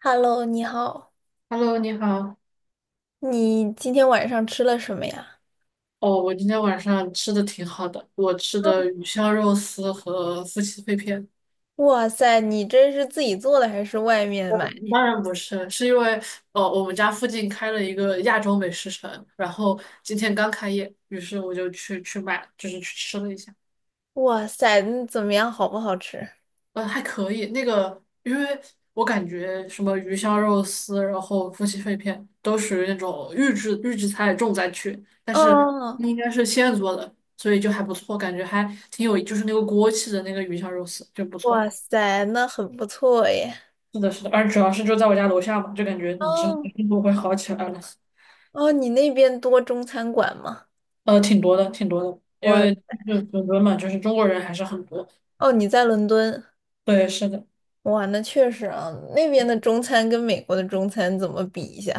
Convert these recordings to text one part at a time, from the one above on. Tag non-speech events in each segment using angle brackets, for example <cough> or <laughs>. Hello，你好，Hello，你好。你今天晚上吃了什么呀？哦，我今天晚上吃的挺好的，我吃的鱼香肉丝和夫妻肺片。哇塞，你这是自己做的还是外面买？嗯当然不是，是因为我们家附近开了一个亚洲美食城，然后今天刚开业，于是我就去买，就是去吃了一下。哇塞，那怎么样，好不好吃？还可以。那个，因为我感觉什么鱼香肉丝，然后夫妻肺片，都属于那种预制菜重灾区，但是哦，那应该是现做的，所以就还不错，感觉还挺有，就是那个锅气的那个鱼香肉丝就不哇错。塞，那很不错耶。是的，是的，而主要是就在我家楼下嘛，就感觉你之后哦生活会好起来了。哦，你那边多中餐馆吗？挺多的，挺多的，因我为就伦敦嘛，就是中国人还是很多。哦，你在伦敦，对，是的。哇，那确实啊，那边的中餐跟美国的中餐怎么比一下？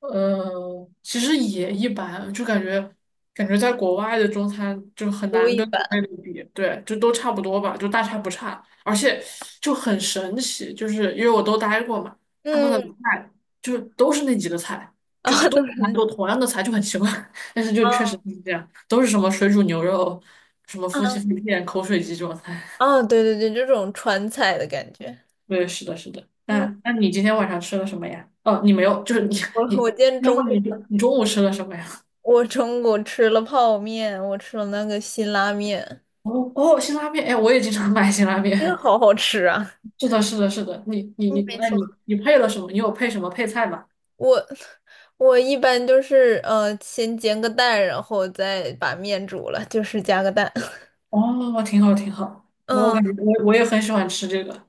其实也一般，就感觉在国外的中餐就很不难一跟国般。内的比，对，就都差不多吧，就大差不差，而且就很神奇，就是因为我都待过嘛，他们嗯，的菜就都是那几个菜，<laughs> 就啊、都都是那，很同样的菜，就很奇怪，<laughs> 但是就确实是这样，都是什么水煮牛肉、什么夫妻嗯，肺片、口水鸡这种菜。哦，对对对，这种川菜的感觉。<laughs> 对，是的，是的。那嗯。那你今天晚上吃了什么呀？哦，你没有，就是你我你，今天那中午问你中午吃了什么呀？我中午吃了泡面，我吃了那个辛拉面，哦哦，辛拉面，哎，我也经常买辛拉真的面。好好吃啊！<laughs> 是的，是的，是的。你你嗯，你，没那错。你配了什么？你有配什么配菜吗？我我一般就是先煎个蛋，然后再把面煮了，就是加个蛋。<laughs> 哦，挺好，挺好。那我嗯感觉我也很喜欢吃这个。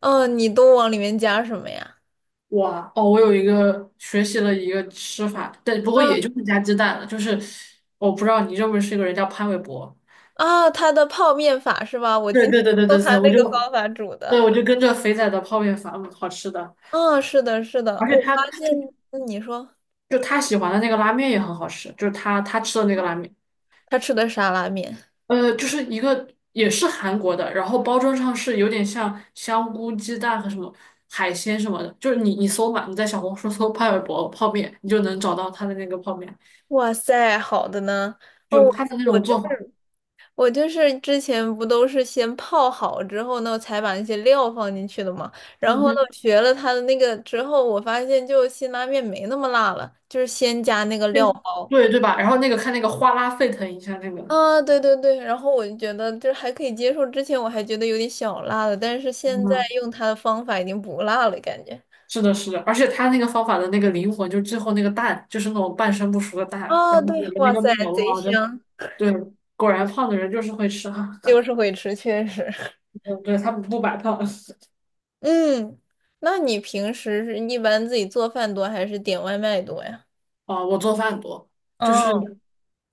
嗯，你都往里面加什么呀？哇，哦，我有一个学习了一个吃法，但不过嗯也就是加鸡蛋了。就是我不知道你认不认识一个人叫潘玮柏。啊，他的泡面法是吧？我对今天对对对用对对，他那个方法煮对，的。我就跟着肥仔的泡面法，好吃的。嗯，是的，是的，而我且他就发现，那你说就他喜欢的那个拉面也很好吃，就是他吃的那个拉面。他吃的沙拉面，就是一个也是韩国的，然后包装上是有点像香菇、鸡蛋和什么海鲜什么的，就是你搜嘛，你在小红书 <laughs> 搜派尔博泡面，你就能找到它的那个泡面，哇塞，好的呢。哦，就是我它的那我种这做法，我就是之前不都是先泡好之后呢，才把那些料放进去的嘛。然后嗯呢，哼，我学了它的那个之后，我发现就辛拉面没那么辣了，就是先加那个料对包。对对吧？然后那个看那个哗啦沸腾一下那个，啊，对对对，然后我就觉得就是还可以接受。之前我还觉得有点小辣的，但是现在嗯，用它的方法已经不辣了，感觉。是的，是的，而且它那个方法的那个灵魂，就最后那个蛋就是那种半生不熟的蛋，啊，然后对，裹着那哇个塞，面，贼哇，真的，香，对，果然胖的人就是会吃哈，就 <laughs> 是会吃，确实。<laughs> 嗯，对，他不白胖。<laughs> 嗯，那你平时是一般自己做饭多还是点外卖多呀？啊，我做饭多，就是哦，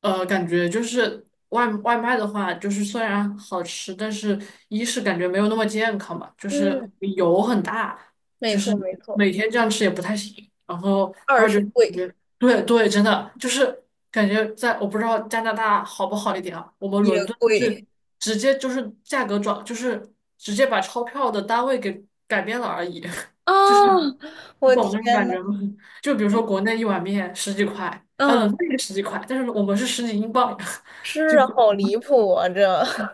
感觉就是外卖的话，就是虽然好吃，但是一是感觉没有那么健康吧，就是嗯。油很大，没就错是没错，每天这样吃也不太行。然后二二就是是感贵觉，对对，真的就是感觉在我不知道加拿大好不好一点啊，我们也伦敦贵是直接就是价格转，就是直接把钞票的单位给改变了而已，<laughs> 就是啊！你我懂那种天感呐，觉吗？就比如说国内一碗面十几块，啊，嗯，冷饭也十几块，但是我们是十几英镑，<laughs> 是就啊好离谱啊！这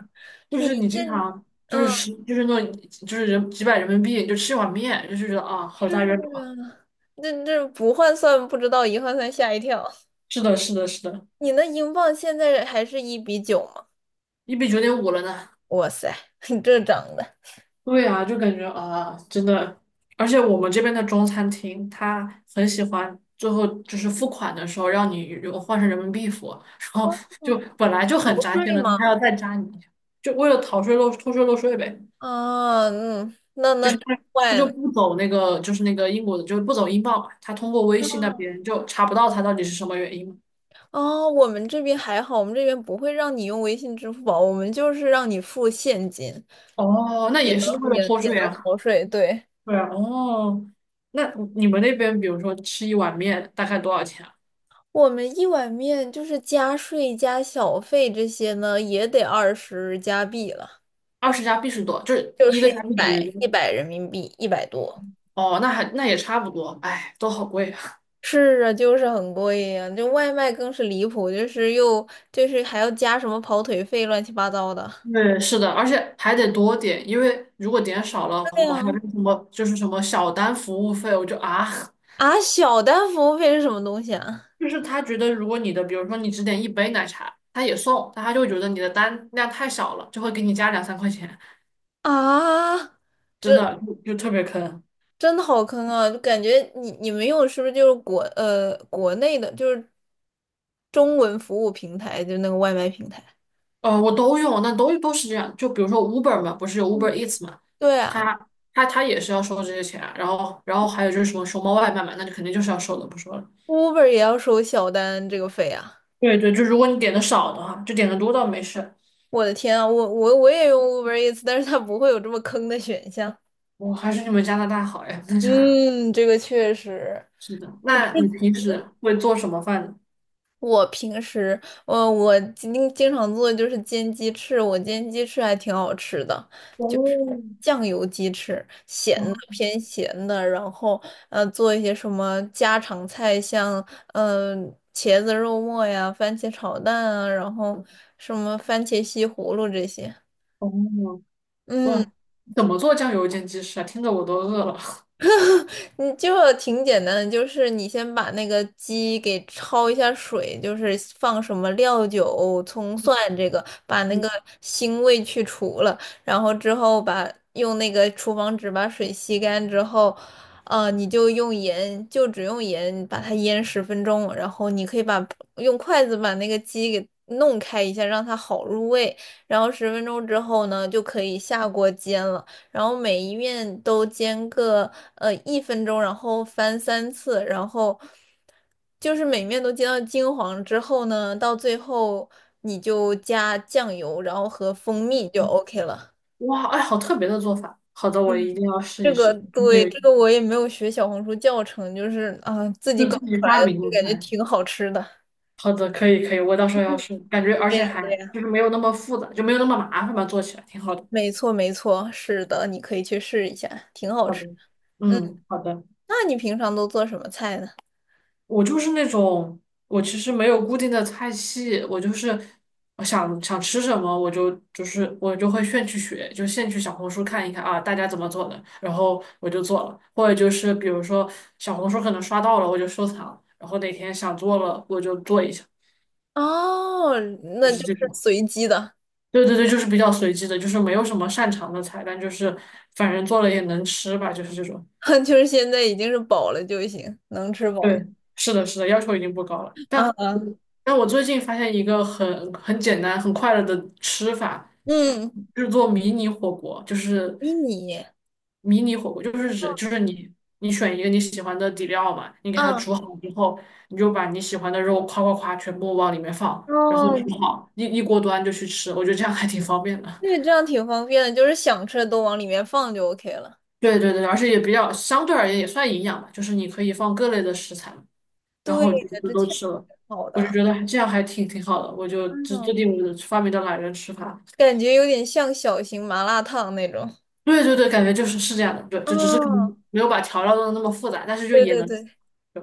<laughs> 就是你你这，经常就是嗯，就是那种就是人几百人民币就吃一碗面，就是觉得啊，好大冤种啊！这这不换算不知道，一换算吓一跳。是的，是的，是的，你那英镑现在还是一比九吗？1比9.5了呢。哇塞，<laughs> 你这涨的，对啊，就感觉啊，真的，而且我们这边的中餐厅，他很喜欢最后就是付款的时候让你如果换成人民币付啊，<laughs> 然后就嗯本来就逃很扎心税了，他吗？还要再扎你，就为了逃税漏偷税漏税呗。啊，嗯，那就那是真他坏就了。不走那个，就是那个英国的，就是不走英镑嘛，他通过微信那边就查不到他到底是什么原因嘛。哦，我们这边还好，我们这边不会让你用微信、支付宝，我们就是让你付现金，哦，那也也是为能了也偷也税能啊。逃税，对。对啊，哦，那你们那边比如说吃一碗面大概多少钱啊？我们一碗面就是加税加小费这些呢，也得20加币了，20加币是多，就是就一是个加一币等百于多人民币，一百多。哦，那也差不多，哎，都好贵啊。是啊，就是很贵呀、就外卖更是离谱，就是又就是还要加什么跑腿费，乱七八糟的。<laughs> 对，是的，而且还得多点，因为如果点少了，我对们还呀、有那个什么就是什么小单服务费，我就啊。啊，啊小单服务费是什么东西啊？就是他觉得，如果你的，比如说你只点一杯奶茶，他也送，但他就会觉得你的单量太少了，就会给你加2、3块钱，啊，真这的就特别坑。真的好坑啊！就感觉你们用的是不是就是国内的，就是中文服务平台，就是那个外卖平台？我都用，那都是这样。就比如说 Uber 嘛，不是有 Uber Eats 嘛，对啊。他他也是要收这些钱啊然后还有就是什么熊猫外卖嘛，那就肯定就是要收的，不说了。Uber 也要收小单这个费啊！对对，就如果你点的少的话，就点的多倒没事。我的天啊，我也用 Uber Eats,但是它不会有这么坑的选项。我还是你们加拿大好呀，<laughs> 那就是嗯，这个确实。是的。嗯，这那你平时会做什么饭呢？我平时，我经常做的就是煎鸡翅，我煎鸡翅还挺好吃的，就是哦，酱油鸡翅，咸的哦偏咸的，然后做一些什么家常菜，像呃茄子肉末呀、番茄炒蛋啊，然后什么番茄西葫芦这些。哦嗯。哇，怎么做酱油煎鸡翅啊？听着我都饿了。你就挺简单的，就是你先把那个鸡给焯一下水，就是放什么料酒、葱蒜这个，把那嗯，个腥味去除了，然后之后把用那个厨房纸把水吸干之后，你就用盐，就只用盐把它腌十分钟，然后你可以把用筷子把那个鸡给弄开一下，让它好入味，然后十分钟之后呢，就可以下锅煎了。然后每一面都煎个1分钟，然后翻3次，然后就是每面都煎到金黄之后呢，到最后你就加酱油，然后和蜂蜜就 OK 了。哇，哎，好特别的做法。好的，我一嗯，定要试这一个试。还对，有，这个我也没有学小红书教程，就是啊、自就己搞是自己出来发的，明就的感觉菜。挺好吃的。好的，可以可以，我到时候要试。感觉而对且呀，还对呀，就是没有那么复杂，就没有那么麻烦吧，做起来挺好的。没错没错，是的，你可以去试一下，挺好好吃的，的。嗯，嗯，好的。那你平常都做什么菜呢？我就是那种，我其实没有固定的菜系，我就是我想想吃什么，我就是我就会现去学，就现去小红书看一看啊，大家怎么做的，然后我就做了，或者就是比如说小红书可能刷到了，我就收藏，然后哪天想做了我就做一下，哦，就那就是这是种。随机的，对对对，就是比较随机的，就是没有什么擅长的菜，但就是反正做了也能吃吧，就是这种。<laughs> 就是现在已经是饱了就行，能吃饱对，就。是的，是的，要求已经不高了。啊但啊，但我最近发现一个很简单、很快乐的吃法，嗯，制作迷你火锅，就是迷你，迷你火锅，就是指就是你选一个你喜欢的底料嘛，你给它啊，煮好之后，你就把你喜欢的肉夸夸夸全部往里面放，然后哦，煮好一锅端就去吃，我觉得这样还挺方便的。对，<laughs> 这样挺方便的，就是想吃的都往里面放就 OK 了。对对对，而且也比较相对而言也算营养吧，就是你可以放各类的食材。然对后就的，就这都确吃实挺了。好我就的。觉得还这样还挺好的，我就嗯，制定我的发明的懒人吃法。感觉有点像小型麻辣烫那种。对对对，感觉就是这样的，对，就只是可能哦，没有把调料弄得那么复杂，但是就对也对能吃对，对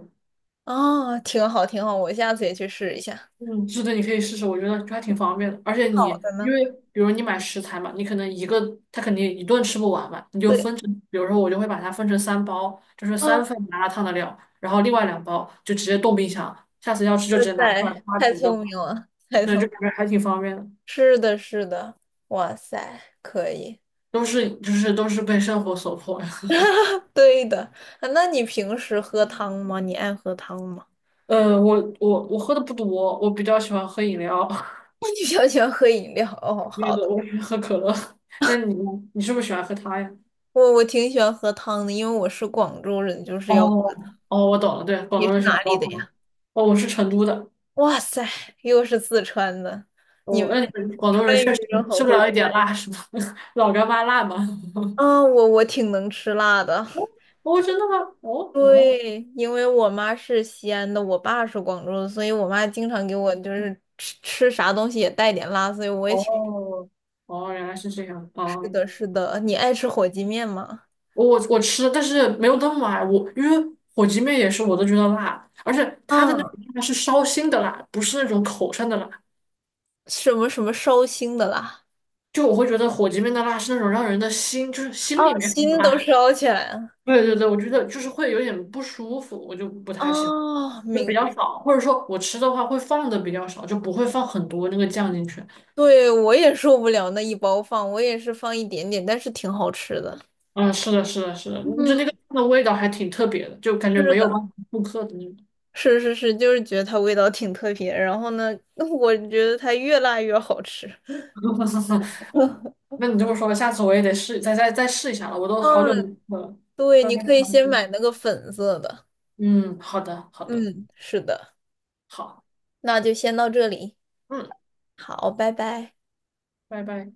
哦，挺好挺好，我下次也去试一下。嗯，是的，你可以试试，我觉得还挺方便的。而且你好的因呢，为比如你买食材嘛，你可能一个它肯定一顿吃不完嘛，你就对，分成，比如说我就会把它分成3包，就是三哦，份麻辣烫的料，然后另外2包就直接冻冰箱，下次要吃就直哇接拿出塞，来它太煮就聪好。明了，太对，聪明就了感觉还挺方便的。是的，是的，哇塞，可以，都是就是都是被生活所迫呀。<laughs> 对的。啊那你平时喝汤吗？你爱喝汤吗？我喝的不多，我比较喜欢喝饮料，<laughs> 那你比较喜欢喝饮料？哦，<laughs> 别好的的，我喜欢喝可乐。<laughs> 那你呢？你是不是喜欢喝它呀？我挺喜欢喝汤的，因为我是广州人，就是要。哦哦，我懂了，对，广你东是人喜欢哪里煲的汤。呀？哦，我是成都的。哇塞，又是四川的，你哦，们那你们广东人川渝确实人好吃不会。了一点辣是吗？<laughs> 老干妈辣吗？<laughs> 啊，我挺能吃辣的。哦哦，真的吗？哦哦对，因为我妈是西安的，我爸是广州的，所以我妈经常给我就是吃吃啥东西也带点辣，所以我也挺。哦哦，原来是这样是啊。的，是的，你爱吃火鸡面吗？我吃，但是没有那么爱我，因为火鸡面也是我都觉得辣，而且它的那种嗯，辣是烧心的辣，不是那种口上的辣。什么什么烧心的啦？就我会觉得火鸡面的辣是那种让人的心，就是心啊，里面很心都辣。烧起来了。对对对，我觉得就是会有点不舒服，我就不太喜欢，哦，就比明，较少，或者说我吃的话会放的比较少，就不会放很多那个酱进去。对，我也受不了那一包放，我也是放一点点，但是挺好吃的。嗯，是的，是的，是的，就那嗯，个酱的味道还挺特别的，就感觉是没有的，办法复刻的那种。是是是，就是觉得它味道挺特别。然后呢，<laughs> 我觉得它越辣越好吃。<laughs> <laughs> 那你这么说，下次我也得试，再试一下了。我都好久没嗯，喝了，对，到你都该可以尝试。先买那个粉色的。嗯，好的，好的，嗯，是的，好，那就先到这里。嗯，好，拜拜。拜拜。